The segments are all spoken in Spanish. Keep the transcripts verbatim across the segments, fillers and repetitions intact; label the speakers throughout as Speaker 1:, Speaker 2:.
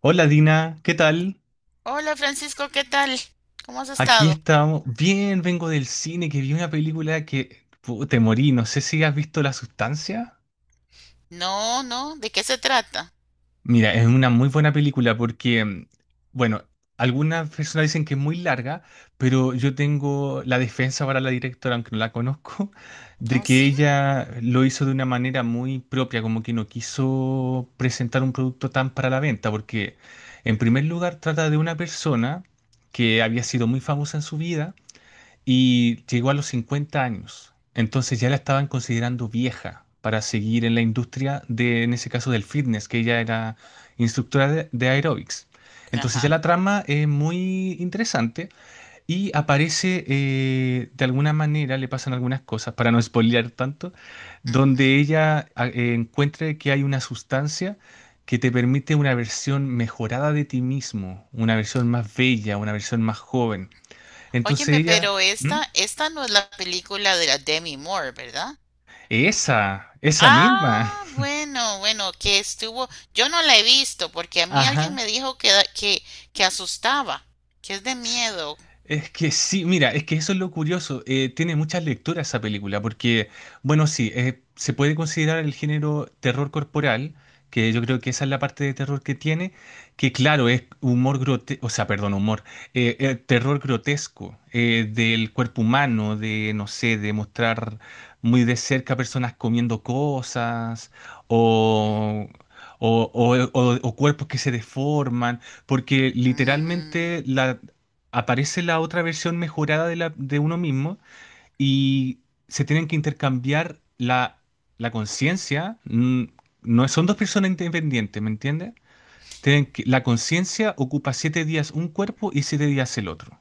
Speaker 1: Hola Dina, ¿qué tal?
Speaker 2: Hola Francisco, ¿qué tal? ¿Cómo has
Speaker 1: Aquí
Speaker 2: estado?
Speaker 1: estamos. Bien, vengo del cine que vi una película que pu, te morí. No sé si has visto La Sustancia.
Speaker 2: No, no, ¿de qué se trata?
Speaker 1: Mira, es una muy buena película porque, mm, bueno, algunas personas dicen que es muy larga, pero yo tengo la defensa para la directora, aunque no la conozco, de
Speaker 2: Oh,
Speaker 1: que
Speaker 2: sí,
Speaker 1: ella lo hizo de una manera muy propia, como que no quiso presentar un producto tan para la venta, porque en primer lugar trata de una persona que había sido muy famosa en su vida y llegó a los cincuenta años. Entonces ya la estaban considerando vieja para seguir en la industria de, en ese caso, del fitness, que ella era instructora de, de aeróbics. Entonces ya
Speaker 2: ajá.
Speaker 1: la trama es muy interesante y aparece eh, de alguna manera, le pasan algunas cosas, para no spoilear tanto, donde
Speaker 2: Ujú.
Speaker 1: ella a- eh, encuentre que hay una sustancia que te permite una versión mejorada de ti mismo, una versión más bella, una versión más joven. Entonces
Speaker 2: Óyeme,
Speaker 1: ella...
Speaker 2: pero
Speaker 1: ¿Mm?
Speaker 2: esta, esta no es la película de la Demi Moore, ¿verdad?
Speaker 1: Esa, esa misma.
Speaker 2: Ah, bueno, bueno, que estuvo, yo no la he visto porque a mí alguien
Speaker 1: Ajá.
Speaker 2: me dijo que, da- que, que asustaba, que es de
Speaker 1: S-
Speaker 2: miedo.
Speaker 1: Es que sí, mira, es que eso es lo curioso. Eh, tiene muchas lecturas esa película, porque, bueno, sí, eh, se puede considerar el género terror corporal, que yo creo que esa es la parte de terror que tiene, que claro, es humor grotesco, o sea, perdón, humor, eh, eh, terror grotesco eh, del cuerpo humano, de, no sé, de mostrar muy de cerca personas comiendo cosas o, o o- o- o cuerpos que se deforman. Porque
Speaker 2: Mm,
Speaker 1: literalmente la, aparece la otra versión mejorada de, la, de uno mismo y se tienen que intercambiar la, la conciencia. mm, No son dos personas independientes, ¿me entiendes? Tienen que- la conciencia ocupa siete días un cuerpo y siete días el otro.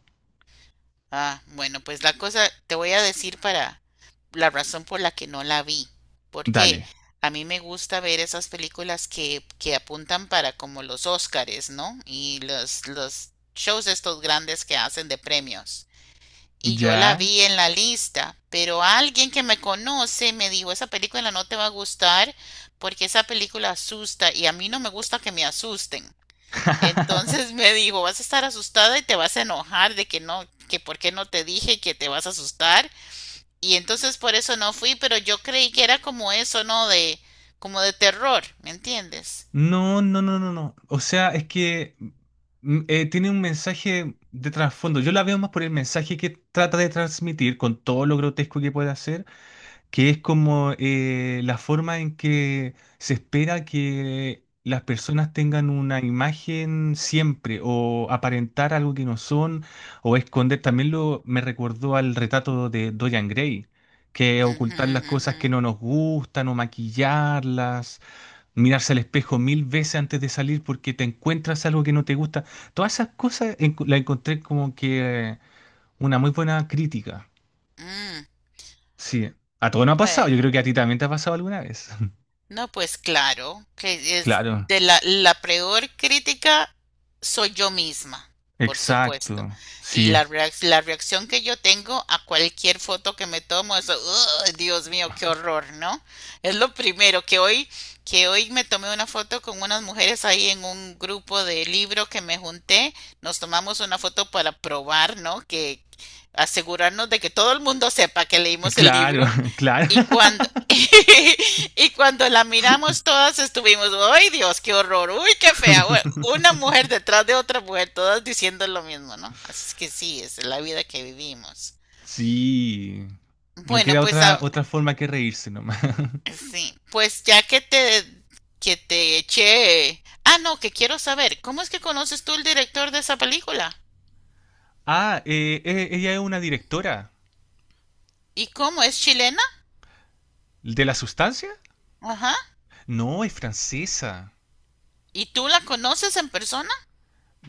Speaker 2: ah, bueno, pues la cosa te voy a decir para, la razón por la que no la vi, porque
Speaker 1: Dale.
Speaker 2: a mí me gusta ver esas películas que, que apuntan para como los Óscares, ¿no? Y los, los shows estos grandes que hacen de premios. Y yo la
Speaker 1: ¿Ya?
Speaker 2: vi en la lista, pero alguien que me conoce me dijo, esa película no te va a gustar porque esa película asusta y a mí no me gusta que me asusten. Entonces me dijo, vas a estar asustada y te vas a enojar de que no, que por qué no te dije que te vas a asustar y entonces por eso no fui, pero yo creí que era como eso, ¿no? De, como de terror, ¿me entiendes?
Speaker 1: No, no, no, no, no. O sea, es que mm, eh, tiene un mensaje de trasfondo. Yo la veo más por el mensaje que trata de transmitir con todo lo grotesco que puede hacer que es como eh, la forma en que se espera que las personas tengan una imagen siempre o aparentar algo que no son o esconder. También lo me recordó al retrato de Dorian Gray, que es
Speaker 2: Ujú,
Speaker 1: ocultar las cosas que
Speaker 2: ujú.
Speaker 1: no nos gustan o maquillarlas, mirarse al espejo mil veces antes de salir porque te encuentras algo que no te gusta. Todas esas cosas enco- las encontré como que eh, una muy buena crítica.
Speaker 2: Mm,
Speaker 1: Sí, a todo no ha pasado. Yo creo
Speaker 2: bueno.
Speaker 1: que a ti también te ha pasado alguna vez.
Speaker 2: No, pues claro, que es
Speaker 1: Claro,
Speaker 2: de la, la peor crítica soy yo misma, por supuesto.
Speaker 1: exacto.
Speaker 2: Y
Speaker 1: Sí,
Speaker 2: la, reac- la reacción que yo tengo a cualquier foto que me tomo es: "Ugh, Dios mío, qué horror", ¿no? Es lo primero que hoy, que hoy me tomé una foto con unas mujeres ahí en un grupo de libro que me junté. Nos tomamos una foto para probar, ¿no? Que asegurarnos de que todo el mundo sepa que leímos el
Speaker 1: claro,
Speaker 2: libro.
Speaker 1: claro.
Speaker 2: Y cuando, y cuando la miramos todas estuvimos, ¡ay Dios, qué horror! ¡Uy, qué fea! Bueno, una mujer detrás de otra mujer, todas diciendo lo mismo, ¿no? Así es que sí, es la vida que vivimos.
Speaker 1: Sí, no
Speaker 2: Bueno,
Speaker 1: queda
Speaker 2: pues
Speaker 1: otra,
Speaker 2: a-
Speaker 1: otra forma que reírse nomás.
Speaker 2: sí, pues ya que te, que te eché... Ah, no, que quiero saber, ¿cómo es que conoces tú el director de esa película?
Speaker 1: Ah, eh, eh, ella es una directora.
Speaker 2: ¿Y cómo es chilena?
Speaker 1: ¿De La Sustancia?
Speaker 2: Ajá.
Speaker 1: No, es francesa.
Speaker 2: ¿Y tú la conoces en persona?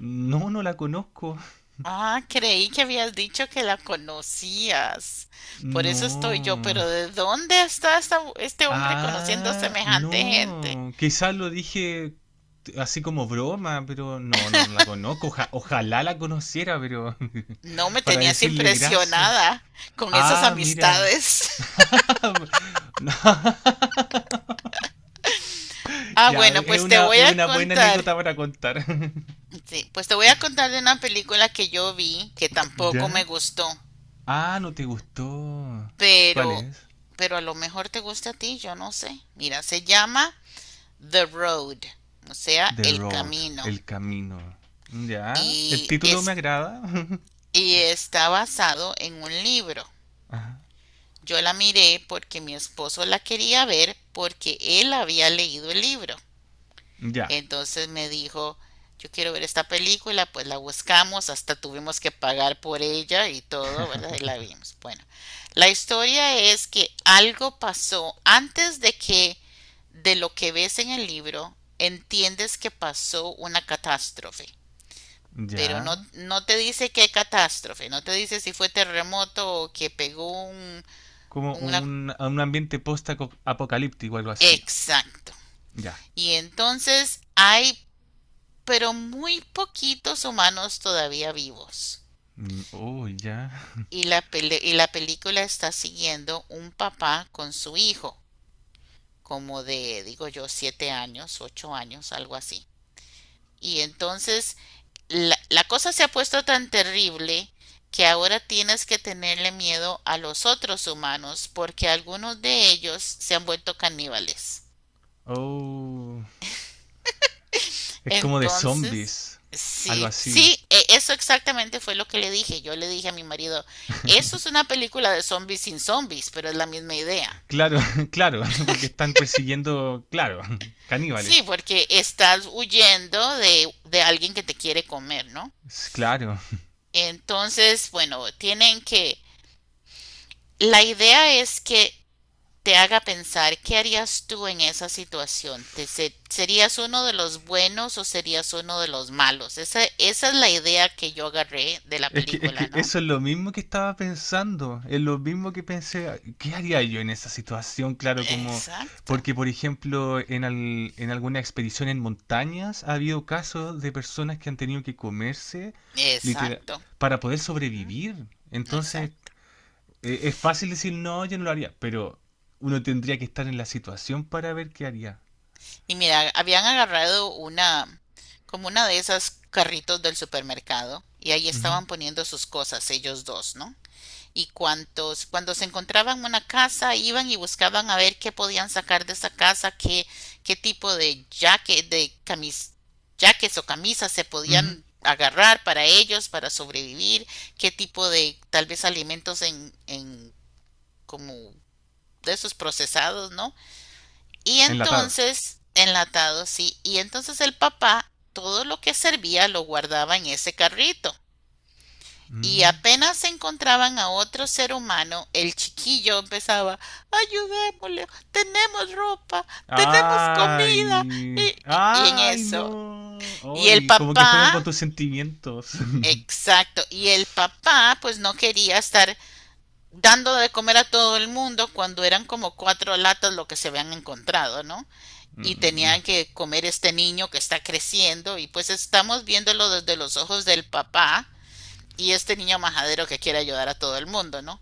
Speaker 1: No, no la conozco.
Speaker 2: Ah, creí que habías dicho que la conocías. Por eso estoy yo,
Speaker 1: No.
Speaker 2: pero ¿de dónde está esta- este hombre conociendo
Speaker 1: Ah,
Speaker 2: semejante gente?
Speaker 1: no. Quizás lo dije así como broma, pero no, no, no la conozco. Oja- ojalá la conociera, pero
Speaker 2: No me
Speaker 1: para
Speaker 2: tenías
Speaker 1: decirle gracias.
Speaker 2: impresionada con esas
Speaker 1: Ah, mira.
Speaker 2: amistades.
Speaker 1: No,
Speaker 2: Ah,
Speaker 1: Ya,
Speaker 2: bueno,
Speaker 1: es
Speaker 2: pues te
Speaker 1: una,
Speaker 2: voy
Speaker 1: es
Speaker 2: a
Speaker 1: una buena
Speaker 2: contar.
Speaker 1: anécdota para contar.
Speaker 2: Sí, pues te voy a contar de una película que yo vi que tampoco me
Speaker 1: ¿Ya?
Speaker 2: gustó,
Speaker 1: Ah, no te gustó. ¿Cuál
Speaker 2: pero
Speaker 1: es?
Speaker 2: pero a lo mejor te gusta a ti, yo no sé. Mira, se llama The Road, o sea,
Speaker 1: The
Speaker 2: El
Speaker 1: Road,
Speaker 2: Camino.
Speaker 1: el camino. ¿Ya? El
Speaker 2: Y
Speaker 1: título me
Speaker 2: es
Speaker 1: agrada.
Speaker 2: y está basado en un libro.
Speaker 1: Ajá.
Speaker 2: Yo la miré porque mi esposo la quería ver porque él había leído el libro.
Speaker 1: Ya,
Speaker 2: Entonces me dijo, yo quiero ver esta película, pues la buscamos, hasta tuvimos que pagar por ella y todo, ¿verdad? Y la vimos. Bueno, la historia es que algo pasó antes de que de lo que ves en el libro, entiendes que pasó una catástrofe, pero no,
Speaker 1: ya.
Speaker 2: no te dice qué catástrofe, no te dice si fue terremoto o que pegó un,
Speaker 1: Como
Speaker 2: una...
Speaker 1: un, a un ambiente post-apocalíptico, algo así.
Speaker 2: Exacto.
Speaker 1: Ya.
Speaker 2: Y entonces hay, pero muy poquitos humanos todavía vivos.
Speaker 1: Mm, oh, ya.
Speaker 2: Y la, pele y la película está siguiendo un papá con su hijo, como de, digo yo, siete años, ocho años, algo así. Y entonces la, la cosa se ha puesto tan terrible que ahora tienes que tenerle miedo a los otros humanos porque algunos de ellos se han vuelto caníbales.
Speaker 1: Oh. Es como de
Speaker 2: Entonces,
Speaker 1: zombies, algo
Speaker 2: sí,
Speaker 1: así.
Speaker 2: sí, e- eso exactamente fue lo que le dije. Yo le dije a mi marido, eso es una película de zombies sin zombies, pero es la misma idea,
Speaker 1: Claro,
Speaker 2: ¿no?
Speaker 1: claro, porque están persiguiendo, claro,
Speaker 2: Sí,
Speaker 1: caníbales.
Speaker 2: porque estás huyendo de, de alguien que te quiere comer, ¿no?
Speaker 1: Es claro.
Speaker 2: Entonces, bueno, tienen que... La idea es que te haga pensar qué harías tú en esa situación. ¿Te se- ¿Serías uno de los buenos o serías uno de los malos? Esa, esa es la idea que yo agarré de la
Speaker 1: Es que, es
Speaker 2: película,
Speaker 1: que
Speaker 2: ¿no?
Speaker 1: eso es lo mismo que estaba pensando, es lo mismo que pensé, ¿qué haría yo en esa situación? Claro, como,
Speaker 2: Exacto,
Speaker 1: porque por ejemplo, en, al- en alguna expedición en montañas ha habido casos de personas que han tenido que comerse literal
Speaker 2: exacto,
Speaker 1: para poder
Speaker 2: ujú,
Speaker 1: sobrevivir. Entonces,
Speaker 2: exacto.
Speaker 1: e- es fácil decir, no, yo no lo haría, pero uno tendría que estar en la situación para ver qué haría.
Speaker 2: Y mira, habían agarrado una, como una de esas carritos del supermercado y ahí
Speaker 1: Ujú,
Speaker 2: estaban poniendo sus cosas, ellos dos, ¿no? Y cuantos, cuando se encontraban una casa, iban y buscaban a ver qué podían sacar de esa casa, qué, qué tipo de jaque, de camis, jaques o camisas se
Speaker 1: ujú.
Speaker 2: podían agarrar para ellos, para sobrevivir, qué tipo de tal vez alimentos en, en como de esos procesados, ¿no? Y
Speaker 1: Enlatados.
Speaker 2: entonces, enlatados, sí, y entonces el papá todo lo que servía lo guardaba en ese carrito y apenas encontraban a otro ser humano, el chiquillo empezaba, ayudémosle, tenemos ropa, tenemos comida, y,
Speaker 1: Ay,
Speaker 2: y- y en
Speaker 1: ay,
Speaker 2: eso.
Speaker 1: no.
Speaker 2: Y el
Speaker 1: Ay, como que juegan con
Speaker 2: papá,
Speaker 1: tus sentimientos.
Speaker 2: exacto, y el papá pues no quería estar dando de comer a todo el mundo cuando eran como cuatro latas lo que se habían encontrado, ¿no? Y
Speaker 1: Mm,
Speaker 2: tenían que comer este niño que está creciendo y pues estamos viéndolo desde los ojos del papá y este niño majadero que quiere ayudar a todo el mundo, ¿no?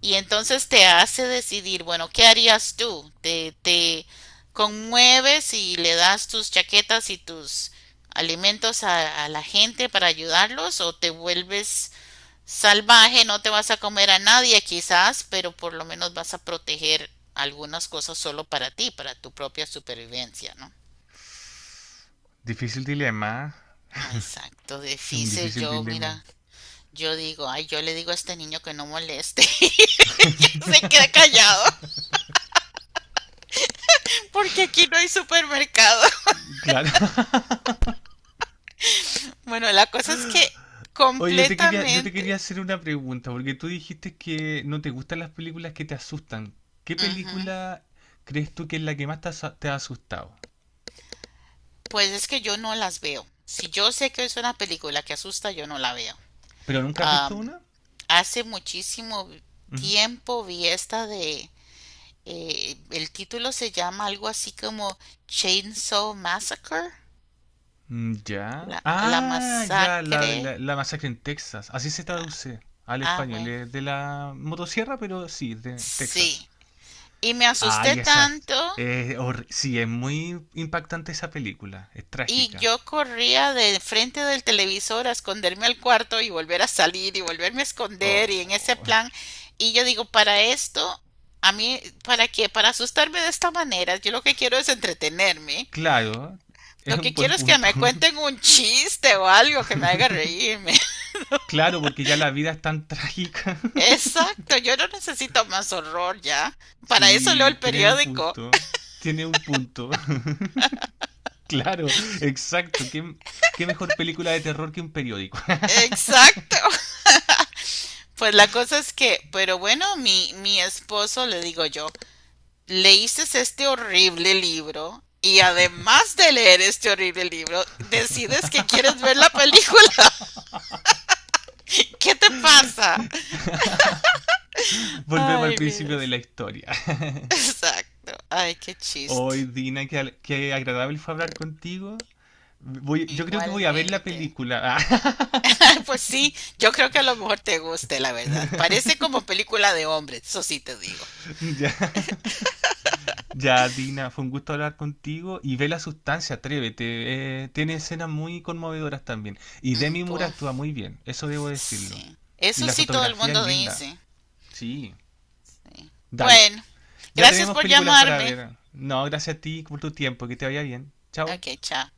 Speaker 2: Y entonces te hace decidir, bueno, ¿qué harías tú? Te, te conmueves y le das tus chaquetas y tus alimentos a, a la gente para ayudarlos o te vuelves salvaje, no te vas a comer a nadie quizás, pero por lo menos vas a proteger algunas cosas solo para ti, para tu propia supervivencia, ¿no?
Speaker 1: difícil dilema.
Speaker 2: Exacto,
Speaker 1: Es un
Speaker 2: difícil
Speaker 1: difícil
Speaker 2: yo,
Speaker 1: dilema.
Speaker 2: mira, yo digo, ay, yo le digo a este niño que no moleste, y se queda callado, porque aquí no hay supermercado.
Speaker 1: Claro.
Speaker 2: Bueno, la cosa es que
Speaker 1: Oye, yo te quería, yo te
Speaker 2: completamente,
Speaker 1: quería hacer una pregunta, porque tú dijiste que no te gustan las películas que te asustan. ¿Qué
Speaker 2: ujú.
Speaker 1: película crees tú que es la que más te has, te ha asustado?
Speaker 2: Pues es que yo no las veo. Si yo sé que es una película que asusta, yo no la veo.
Speaker 1: ¿Pero nunca has visto
Speaker 2: Am,
Speaker 1: una?
Speaker 2: Hace muchísimo tiempo vi esta de, eh, el título se llama algo así como Chainsaw Massacre,
Speaker 1: Mm, ya.
Speaker 2: la, la
Speaker 1: Ah, ya, la,
Speaker 2: masacre.
Speaker 1: de la, la masacre en Texas. Así se traduce al
Speaker 2: Ah,
Speaker 1: español.
Speaker 2: bueno,
Speaker 1: Es de la motosierra, pero sí, de Texas.
Speaker 2: sí. Y me asusté
Speaker 1: Ay, esa es.
Speaker 2: tanto.
Speaker 1: Es horri- sí, es muy impactante esa película. Es
Speaker 2: Y
Speaker 1: trágica.
Speaker 2: yo corría de frente del televisor a esconderme al cuarto y volver a salir y volverme a esconder y en ese
Speaker 1: Oh,
Speaker 2: plan. Y yo digo, para esto, a mí, ¿para qué? Para asustarme de esta manera. Yo lo que quiero es entretenerme.
Speaker 1: claro, es
Speaker 2: Lo
Speaker 1: un
Speaker 2: que
Speaker 1: buen
Speaker 2: quiero es que
Speaker 1: punto.
Speaker 2: me cuenten un chiste o algo que me haga reírme.
Speaker 1: Claro, porque ya la vida es tan trágica.
Speaker 2: Exacto, yo no necesito más horror ya. Para eso leo
Speaker 1: Sí,
Speaker 2: el
Speaker 1: tiene un
Speaker 2: periódico.
Speaker 1: punto. Tiene un punto. Claro, exacto. ¿Qué, qué mejor película de terror que un periódico?
Speaker 2: Exacto. Pues la cosa es que, pero bueno, mi, mi esposo, le digo yo, leíste este horrible libro y además de leer este horrible libro, decides que quieres ver la película. ¿Qué te pasa?
Speaker 1: Volvemos al
Speaker 2: Ay,
Speaker 1: principio de
Speaker 2: miras.
Speaker 1: la historia.
Speaker 2: Exacto. Ay, qué
Speaker 1: Hoy,
Speaker 2: chiste.
Speaker 1: Dina, qué, al- qué agradable fue hablar contigo. Voy, yo creo que voy a ver la
Speaker 2: Igualmente.
Speaker 1: película.
Speaker 2: Pues sí, yo creo que a lo mejor te guste, la verdad. Parece como película de hombres, eso sí te digo.
Speaker 1: Ah, ya, ya, Dina, fue un gusto hablar contigo. Y ve la sustancia, atrévete. Eh, tiene escenas muy conmovedoras también. Y
Speaker 2: Mm,
Speaker 1: Demi Moore actúa
Speaker 2: pues
Speaker 1: muy bien, eso debo decirlo.
Speaker 2: sí.
Speaker 1: Y
Speaker 2: Eso
Speaker 1: la
Speaker 2: sí todo el
Speaker 1: fotografía es
Speaker 2: mundo
Speaker 1: linda.
Speaker 2: dice.
Speaker 1: Sí,
Speaker 2: Sí.
Speaker 1: dale.
Speaker 2: Bueno,
Speaker 1: Ya
Speaker 2: gracias
Speaker 1: tenemos
Speaker 2: por
Speaker 1: películas para
Speaker 2: llamarme.
Speaker 1: ver. No, gracias a ti por tu tiempo, que te vaya bien. Chao.
Speaker 2: Ok, chao.